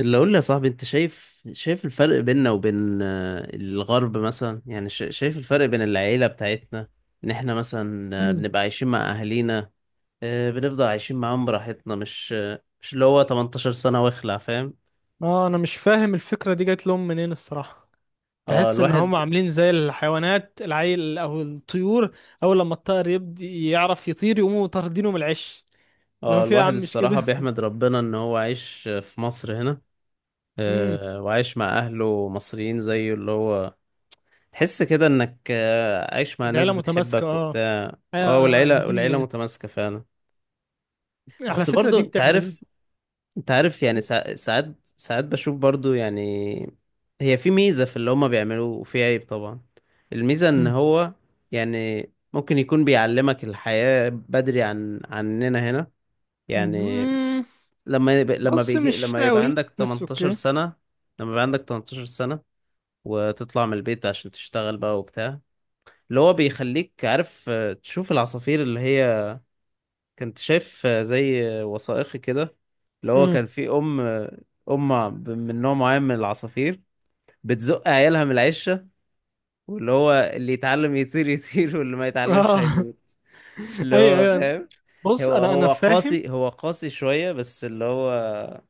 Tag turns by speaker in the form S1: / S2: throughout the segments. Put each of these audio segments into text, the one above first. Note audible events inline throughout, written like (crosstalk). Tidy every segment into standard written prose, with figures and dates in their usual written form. S1: اللي اقول لي يا صاحبي انت شايف الفرق بيننا وبين الغرب مثلا يعني شايف الفرق بين العيلة بتاعتنا، ان احنا مثلا
S2: مم.
S1: بنبقى عايشين مع اهالينا. بنفضل عايشين معاهم براحتنا مش اللي هو 18 سنة واخلع، فاهم؟
S2: اه انا مش فاهم الفكرة دي جات لهم منين الصراحة.
S1: اه
S2: تحس ان هم
S1: الواحد
S2: عاملين زي الحيوانات، العيل او الطيور، اول لما الطائر يبدي يعرف يطير يقوموا طاردينه من العش اللي هو
S1: اه
S2: فيه يا
S1: الواحد
S2: عم، مش
S1: الصراحة
S2: كده؟ (laughs)
S1: بيحمد ربنا ان هو عايش في مصر هنا
S2: امم
S1: وعايش مع اهله مصريين زيه اللي هو. تحس كده انك عايش مع
S2: العيلة
S1: ناس
S2: متماسكة،
S1: بتحبك
S2: اه.
S1: وبتاع اه والعيلة والعيلة
S2: الدنيا
S1: متماسكة فعلا.
S2: على
S1: بس
S2: فكرة
S1: برضو
S2: دي
S1: انت
S2: بتعمل.
S1: عارف انت عارف يعني ساعات ساعات بشوف برضو يعني. هي في ميزة في اللي هما بيعملوه وفي عيب طبعا. الميزة ان
S2: مم.
S1: هو يعني ممكن يكون بيعلمك الحياة بدري عننا هنا يعني.
S2: مم.
S1: لما يب... لما
S2: بص
S1: بيجي
S2: مش
S1: لما يبقى
S2: قوي،
S1: عندك
S2: بس
S1: 18
S2: اوكي.
S1: سنة، لما يبقى عندك 18 سنة وتطلع من البيت عشان تشتغل بقى وبتاع، اللي هو بيخليك عارف. تشوف العصافير اللي هي، كنت شايف زي وثائقي كده، اللي هو
S2: مم.
S1: كان في ام آه، ام ع- ب- من نوع معين من العصافير بتزق عيالها من العشه، واللي هو اللي يتعلم يطير يطير واللي ما يتعلمش
S2: اه.
S1: هيموت،
S2: (laughs)
S1: اللي
S2: ايوه
S1: هو
S2: ايوه.
S1: فاهم.
S2: بص
S1: هو
S2: انا
S1: هو
S2: فاهم.
S1: قاسي هو قاسي شويه، بس اللي هو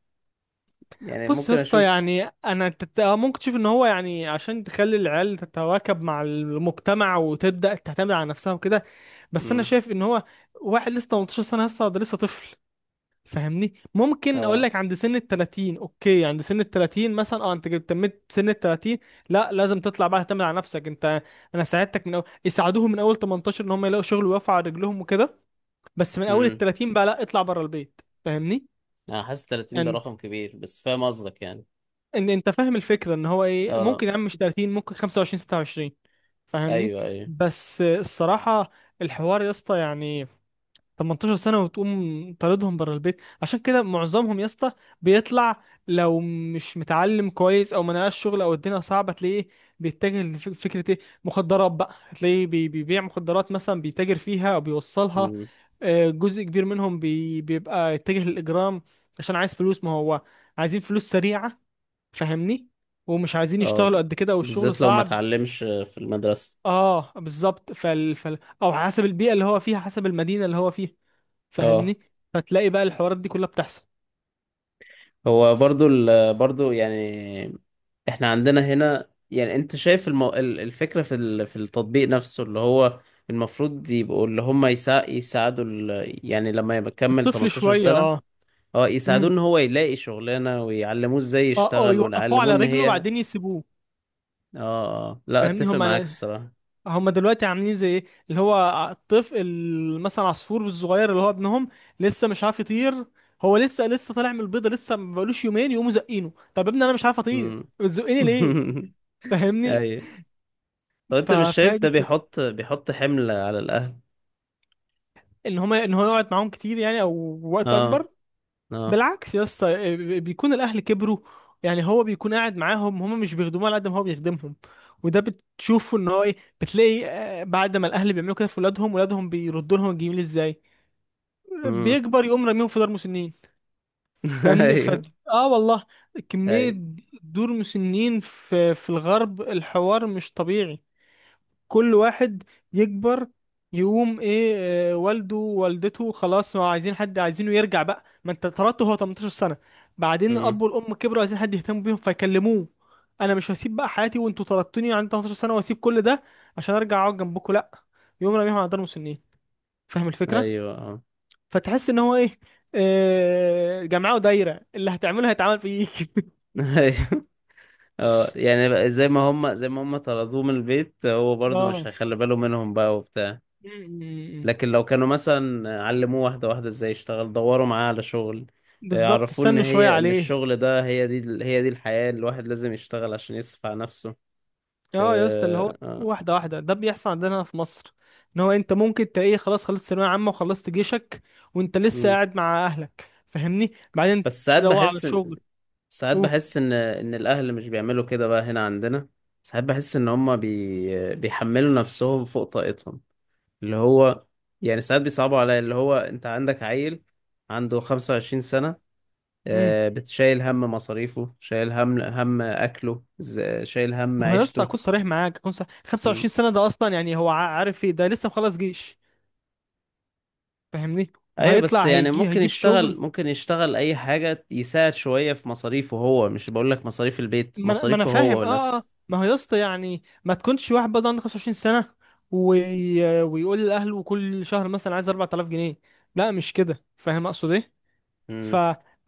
S1: يعني
S2: بص يا
S1: ممكن
S2: اسطى،
S1: اشوف.
S2: يعني انا تت... آه ممكن تشوف ان هو، يعني عشان تخلي العيال تتواكب مع المجتمع وتبدا تعتمد على نفسها وكده، بس انا
S1: امم.
S2: شايف ان هو واحد لسه 18 سنه، لسه ده لسه طفل. فاهمني؟ ممكن اقول
S1: اه.
S2: لك عند سن ال 30، اوكي، عند سن ال 30 مثلا، اه انت جبت- تميت سن ال 30، لا لازم تطلع بقى تعتمد على نفسك انت. انا ساعدتك من اول، يساعدوهم من اول 18 ان هم يلاقوا شغل ويقفوا على رجلهم وكده، بس من اول ال
S1: امم.
S2: 30 بقى لا اطلع بره البيت. فاهمني؟
S1: انا حاسس 30 ده
S2: يعني
S1: رقم كبير بس فاهم قصدك يعني.
S2: ان انت فاهم الفكره، ان هو ايه،
S1: اه.
S2: ممكن يا عم مش 30، ممكن 25، 26. فاهمني؟
S1: ايوه ايوه.
S2: بس الصراحه الحوار يا اسطى، 18 سنه وتقوم طاردهم بره البيت، عشان كده معظمهم يا اسطى بيطلع لو مش متعلم كويس او ما نقاش شغل او الدنيا صعبه، تلاقيه بيتجه لفكره ايه، مخدرات بقى، تلاقيه بيبيع مخدرات مثلا، بيتاجر فيها او بيوصلها.
S1: امم.
S2: آه، جزء كبير منهم بيبقى يتجه للاجرام، عشان عايز فلوس، ما هو عايزين فلوس سريعة. فاهمني؟ ومش عايزين
S1: اه.
S2: يشتغلوا قد كده، والشغل
S1: بالذات لو ما
S2: صعب.
S1: اتعلمش في المدرسه.
S2: اه بالظبط، او حسب البيئة اللي هو فيها، حسب المدينة اللي هو فيها.
S1: اه.
S2: فاهمني؟ فتلاقي بقى الحوارات دي كلها بتحصل.
S1: هو برضو يعني، احنا عندنا هنا يعني انت شايف الفكرة في التطبيق نفسه، اللي هو المفروض يبقوا اللي هم يساعدوا يعني لما يبقى كمل
S2: الطفل
S1: 18
S2: شوية،
S1: سنة،
S2: اه.
S1: اه يساعدوه
S2: امم.
S1: ان هو يلاقي شغلانة ويعلموه ازاي
S2: اه اه،
S1: يشتغل
S2: يوقفوه
S1: ويعلموه
S2: على
S1: ان
S2: رجله
S1: هي.
S2: بعدين يسيبوه.
S1: اه. لا
S2: فاهمني؟
S1: اتفق
S2: هم
S1: معاك الصراحة.
S2: هم دلوقتي عاملين زي ايه، اللي هو الطفل مثلا عصفور الصغير اللي هو ابنهم، لسه مش عارف يطير، هو لسه طالع من البيضه، لسه ما بقالوش يومين يقوموا زقينه. طب يا ابني انا مش عارف اطير،
S1: مم.
S2: بتزقيني ليه؟
S1: (laughs)
S2: فاهمني؟
S1: ايوه. طب انت مش
S2: فهي
S1: شايف
S2: دي
S1: ده
S2: الفكره،
S1: بيحط حمل على الاهل؟
S2: ان هو يقعد معاهم كتير يعني، او وقت
S1: اه.
S2: اكبر.
S1: اه.
S2: بالعكس يا اسطى، بيكون الاهل كبروا، يعني هو بيكون قاعد معاهم، هما مش بيخدموه على قد ما هو بيخدمهم. وده بتشوفه ان هو ايه، بتلاقي آه، بعد ما الاهل بيعملوا كده في ولادهم، ولادهم بيردوا لهم الجميل ازاي،
S1: امم.
S2: بيكبر يقوم راميهم في دار مسنين.
S1: (laughs)
S2: فاهمني؟ ف
S1: ايوه
S2: اه والله، كمية دور مسنين في الغرب الحوار مش طبيعي. كل واحد يكبر يقوم ايه، آه، والده ووالدته خلاص ما عايزين حد، عايزينه يرجع بقى، ما انت اتطردت هو 18 سنة، بعدين
S1: ايوه
S2: الاب والام كبروا عايزين حد يهتم بيهم، فيكلموه، انا مش هسيب بقى حياتي وانتوا طردتوني عندي 18 سنة، واسيب كل ده عشان ارجع اقعد جنبكم، لا، يقوم راميهم على دار مسنين. فاهم الفكرة؟
S1: ايوه. اه.
S2: فتحس ان هو ايه، آه جمعوا دايرة، اللي هتعمله هيتعمل فيك. (laughs)
S1: (laughs) ايوه. اه يعني بقى زي ما هم طردوه من البيت، هو برضه مش
S2: اه.
S1: هيخلي باله منهم بقى وبتاع.
S2: م- م- م.
S1: لكن لو كانوا مثلا علموه واحده واحده ازاي يشتغل، دوروا معاه على شغل،
S2: بالظبط،
S1: عرفوه ان
S2: استنوا شوية
S1: هي ان
S2: عليه.
S1: الشغل ده هي دي الحياه، الواحد لازم يشتغل عشان يصرف على نفسه.
S2: اه يا اسطى، اللي هو
S1: اه. اه.
S2: واحده واحده، ده بيحصل عندنا هنا في مصر، ان هو انت ممكن تلاقيه خلاص خلصت ثانويه عامه وخلصت جيشك وانت لسه
S1: مم.
S2: قاعد مع اهلك، فاهمني، بعدين
S1: بس ساعات
S2: تدور على
S1: بحس ان
S2: شغل. اوه.
S1: الاهل مش بيعملوا كده بقى هنا عندنا. ساعات بحس ان هم بيحملوا نفسهم فوق طاقتهم اللي هو. يعني ساعات بيصعبوا عليا اللي هو، انت عندك عيل عنده 25 سنة،
S2: امم.
S1: بتشايل هم مصاريفه، شايل هم أكله، شايل هم
S2: ما هو يا اسطى،
S1: عيشته.
S2: اكون صريح معاك، اكون صريح، 25
S1: مم.
S2: سنه ده اصلا يعني هو عارف ايه، ده لسه مخلص جيش. فاهمني؟
S1: أيوة بس
S2: وهيطلع
S1: يعني ممكن
S2: هيجيب
S1: يشتغل
S2: شغل.
S1: ممكن يشتغل أي حاجة، يساعد شوية في مصاريفه. هو مش بقول لك مصاريف البيت،
S2: ما انا ما أنا
S1: مصاريفه
S2: فاهم
S1: هو
S2: اه اه،
S1: نفسه.
S2: ما هو يا اسطى يعني ما تكونش واحد برضه عنده 25 سنه ويقول لاهله كل شهر مثلا عايز 4000 جنيه، لا مش كده، فاهم اقصد ايه؟ ف...
S1: مم.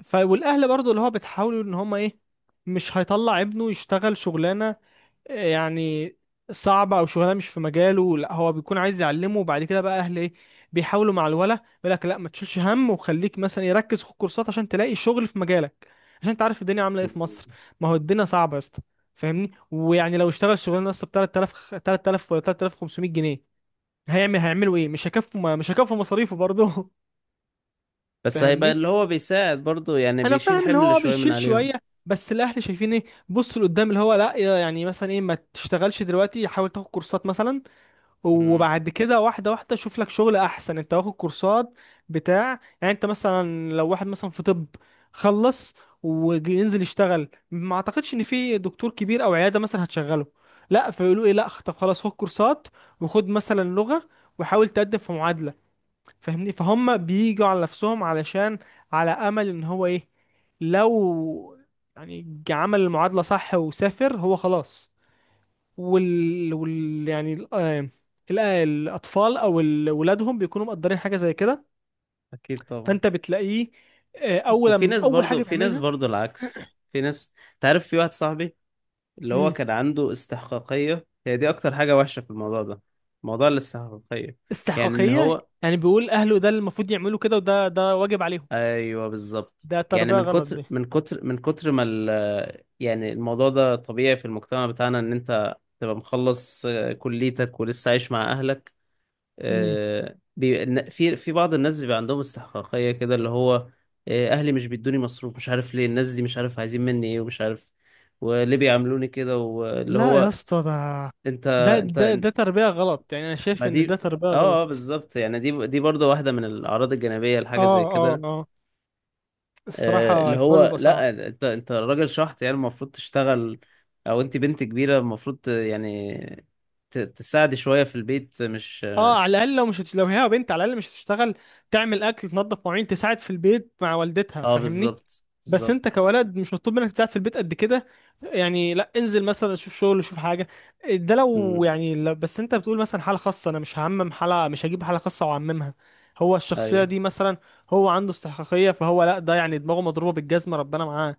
S2: ف والاهل برضو اللي هو بتحاولوا ان هم ايه، مش هيطلع ابنه يشتغل شغلانه آه، يعني صعبه، او شغلانه مش في مجاله، لا هو بيكون عايز يعلمه، وبعد كده بقى اهل ايه، بيحاولوا مع الولا، يقول لك لا ما تشيلش هم، وخليك مثلا يركز في الكورسات عشان تلاقي شغل في مجالك، عشان انت عارف الدنيا عامله ايه في
S1: مم.
S2: مصر. ما هو الدنيا صعبه يا اسطى. فاهمني؟ ويعني لو اشتغل شغلانه اصلا ب 3000، 3000 ولا 3500 جنيه، هيعملوا ايه، مش هيكفوا مصاريفه برضه. (laughs)
S1: بس هيبقى
S2: فاهمني؟
S1: اللي هو بيساعد برضه يعني،
S2: انا
S1: بيشيل
S2: فاهم اللي
S1: حمل
S2: هو آه
S1: شوية من
S2: بيشيل
S1: عليهم.
S2: شويه، بس الاهل شايفين ايه، بص لقدام، اللي هو لا، يعني مثلا ايه، ما تشتغلش دلوقتي، حاول تاخد كورسات مثلا،
S1: مم.
S2: وبعد كده واحده واحده شوف لك شغل احسن انت واخد كورسات بتاع يعني انت مثلا لو واحد مثلا في طب، خلص وينزل يشتغل، ما اعتقدش ان في دكتور كبير او عياده مثلا هتشغله، لا فيقولوا ايه، لا طب خلاص خد كورسات، وخد مثلا لغه، وحاول تقدم في معادله. فاهمني؟ فهم بيجوا على نفسهم علشان، على امل ان هو ايه، لو يعني عمل المعادله صح وسافر هو خلاص، وال, وال... يعني ال... آه، ال- آه، الاطفال او ولادهم بيكونوا مقدرين حاجه زي كده.
S1: أكيد طبعا.
S2: فانت بتلاقيه آه،
S1: وفي
S2: اول
S1: ناس
S2: اول
S1: برضه
S2: حاجه
S1: في ناس
S2: بيعملها.
S1: برضه العكس. في ناس تعرف، في واحد صاحبي اللي هو
S2: مم.
S1: كان عنده استحقاقية، هي دي أكتر حاجة وحشة في الموضوع ده، موضوع الاستحقاقية. يعني إن
S2: استحقاقيه
S1: هو
S2: يعني، بيقول اهله ده اللي المفروض يعملوا كده، وده واجب عليهم.
S1: أيوه، بالظبط.
S2: ده
S1: يعني
S2: تربيه
S1: من
S2: غلط دي.
S1: كتر من كتر من كتر ما يعني الموضوع ده طبيعي في المجتمع بتاعنا، إن أنت تبقى مخلص كليتك ولسه عايش مع أهلك.
S2: مم.
S1: آه، بي... إن- في في بعض الناس بيبقى عندهم استحقاقية كده، اللي هو أهلي مش بيدوني مصروف، مش عارف ليه الناس دي، مش عارف عايزين مني إيه، ومش عارف وليه بيعاملوني كده، واللي
S2: لا يا
S1: هو
S2: اسطى ده
S1: انت انت
S2: ده تربيه غلط، يعني انا
S1: ما
S2: شايف ان ده
S1: دي
S2: تربيه
S1: اه،
S2: غلط.
S1: بالظبط. يعني دي برضه واحده من الاعراض الجانبيه
S2: اه
S1: لحاجه زي
S2: اه
S1: كده،
S2: اه، الصراحة
S1: اللي
S2: الحوار
S1: هو
S2: بيبقى صعب.
S1: لا، انت راجل شحط يعني المفروض تشتغل، او انت بنت كبيره المفروض يعني تساعدي شويه في البيت، مش
S2: اه على الأقل، لو مش هت... لو هي بنت، على الأقل مش هتشتغل، تعمل أكل، تنظف مواعين، تساعد في البيت مع والدتها. فاهمني؟
S1: بالظبط
S2: بس انت
S1: بالظبط.
S2: كولد مش مطلوب منك تساعد في البيت قد كده، يعني لا انزل مثلا شوف شغل، شوف حاجة. ده لو
S1: امم.
S2: يعني، لا بس انت بتقول مثلا حالة خاصة، انا مش هعمم حالة، مش هجيب حالة خاصة واعممها. هو الشخصية
S1: ايوه
S2: دي مثلا هو عنده استحقاقية، فهو لا ده يعني دماغه مضروبة بالجزمة، ربنا معاه،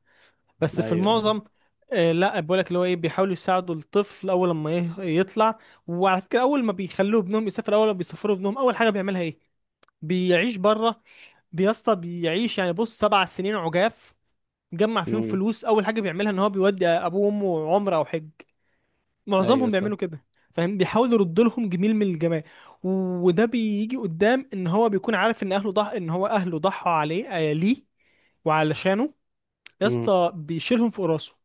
S2: بس في
S1: ايوه ايوه.
S2: المعظم آه، لا بقول لك اللي هو ايه، بيحاولوا يساعدوا الطفل اول لما يطلع. وعلى فكره اول ما بيخلوه ابنهم يسافر، اول ما بيسافروا ابنهم اول حاجه بيعملها ايه، بيعيش بره، بيسطى بيعيش، يعني بص سبع سنين عجاف جمع فيهم
S1: امم.
S2: فلوس، اول حاجه بيعملها ان هو بيودي ابوه وامه عمره او حج.
S1: ايوه
S2: معظمهم
S1: صح.
S2: بيعملوا كده. فاهم؟ بيحاولوا يردوا لهم جميل من الجمال، وده بيجي قدام، ان هو بيكون عارف ان اهله ان هو اهله ضحوا عليه آه، ليه، وعلشانه، يا
S1: امم.
S2: اسطى بيشيلهم في راسه.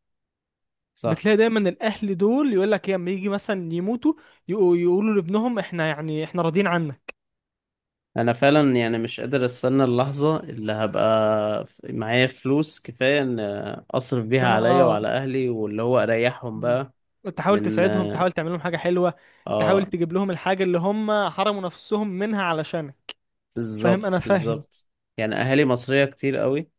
S1: صح.
S2: بتلاقي دايما الاهل دول يقول لك إيه، لما يجي مثلا يموتوا، يقولوا لابنهم، احنا احنا راضيين عنك.
S1: انا فعلا يعني مش قادر استنى اللحظه اللي هبقى معايا فلوس كفايه، ان اصرف
S2: إن
S1: بيها
S2: انا
S1: عليا
S2: اه.
S1: وعلى اهلي واللي هو اريحهم
S2: مم.
S1: بقى.
S2: تحاول
S1: من
S2: تساعدهم،
S1: اه
S2: تحاول تعمل لهم حاجه حلوه، تحاول
S1: آه،
S2: تجيب لهم الحاجه اللي هم حرموا نفسهم منها علشانك. فاهم؟ انا
S1: بالظبط
S2: فاهم.
S1: بالظبط. يعني اهالي مصرية كتير قوي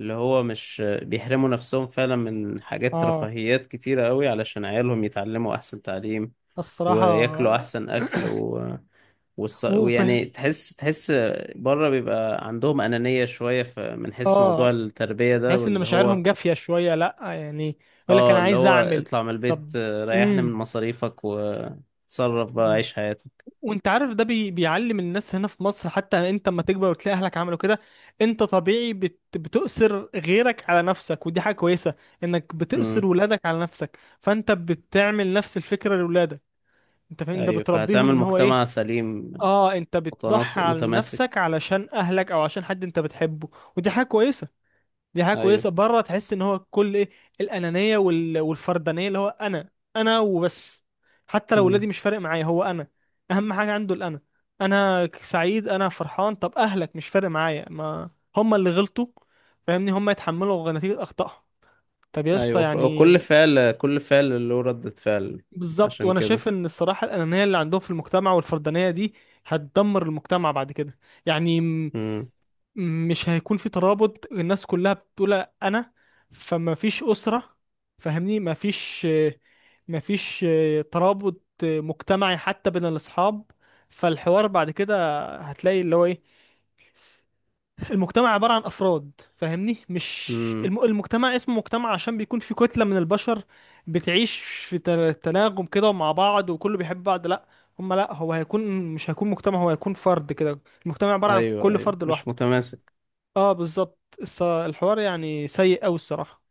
S1: اللي هو مش بيحرموا نفسهم فعلا من حاجات
S2: اه
S1: رفاهيات كتيرة قوي علشان عيالهم يتعلموا احسن تعليم
S2: الصراحه.
S1: وياكلوا احسن اكل
S2: (coughs) وفاهم.
S1: ويعني تحس بره بيبقى عندهم أنانية شوية في، من حيث موضوع
S2: اه
S1: التربية ده،
S2: تحس ان
S1: واللي هو
S2: مشاعرهم جافيه شويه، لا يعني يقول لك
S1: اه
S2: انا
S1: اللي
S2: عايز
S1: هو
S2: اعمل.
S1: اطلع من
S2: طب.
S1: البيت ريحنا من
S2: امم.
S1: مصاريفك وتصرف بقى عيش حياتك.
S2: وانت عارف ده بيعلم الناس هنا في مصر، حتى انت اما تكبر وتلاقي اهلك عملوا كده، انت طبيعي بتؤثر غيرك على نفسك، ودي حاجة كويسة، انك
S1: امم.
S2: بتؤثر ولادك على نفسك، فانت بتعمل نفس الفكرة لولادك. انت فاهم؟ ده
S1: ايوه
S2: بتربيهم
S1: فهتعمل
S2: ان هو ايه،
S1: مجتمع سليم،
S2: اه انت بتضحي على نفسك
S1: متماسك.
S2: علشان اهلك او عشان حد انت بتحبه، ودي حاجة كويسة. دي حاجه
S1: ايوه.
S2: كويسه. بره تحس ان هو كل ايه، الانانيه والفردانيه، اللي هو انا، انا وبس، حتى لو
S1: مم.
S2: ولادي مش فارق معايا، هو انا اهم حاجه عنده، الانا، انا سعيد، انا فرحان، طب اهلك مش فارق معايا، ما هم اللي غلطوا، فاهمني، هم يتحملوا نتيجه اخطائهم. طب يا اسطى
S1: ايوه، كل
S2: يعني.
S1: فعل كل فعل له ردة فعل،
S2: بالظبط،
S1: عشان
S2: وانا
S1: كده.
S2: شايف ان الصراحه الانانيه اللي عندهم في المجتمع والفردانيه دي هتدمر المجتمع بعد كده، يعني
S1: مم.
S2: مش هيكون في ترابط، الناس كلها بتقول انا، فما فيش اسره، فاهمني، ما فيش ما فيش ترابط مجتمعي حتى بين الاصحاب. فالحوار بعد كده هتلاقي اللي هو ايه، المجتمع عباره عن افراد، فاهمني مش،
S1: مم.
S2: المجتمع اسمه مجتمع عشان بيكون في كتله من البشر بتعيش في تناغم كده مع بعض وكله بيحب بعض، لا، هم لا هو هيكون، مش هيكون مجتمع، هو هيكون فرد كده، المجتمع عباره عن
S1: ايوه
S2: كل
S1: ايوه،
S2: فرد
S1: مش
S2: لوحده.
S1: متماسك.
S2: اه بالظبط. الحوار يعني سيء أوي الصراحة.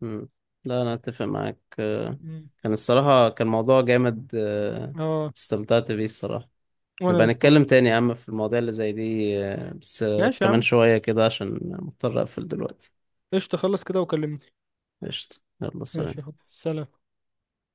S1: مم. لا انا اتفق معاك.
S2: مم.
S1: كان الصراحة موضوع جامد
S2: اه
S1: استمتعت بيه الصراحة. نبقى
S2: وانا
S1: نتكلم
S2: استعمل.
S1: تاني يا عم في المواضيع اللي زي دي بس
S2: ماشي يا
S1: كمان
S2: عم،
S1: شوية كده عشان مضطر اقفل دلوقتي.
S2: قشطة خلص كده وكلمني.
S1: قشطة، يلا سلام.
S2: ماشي يا حبيبي سلام.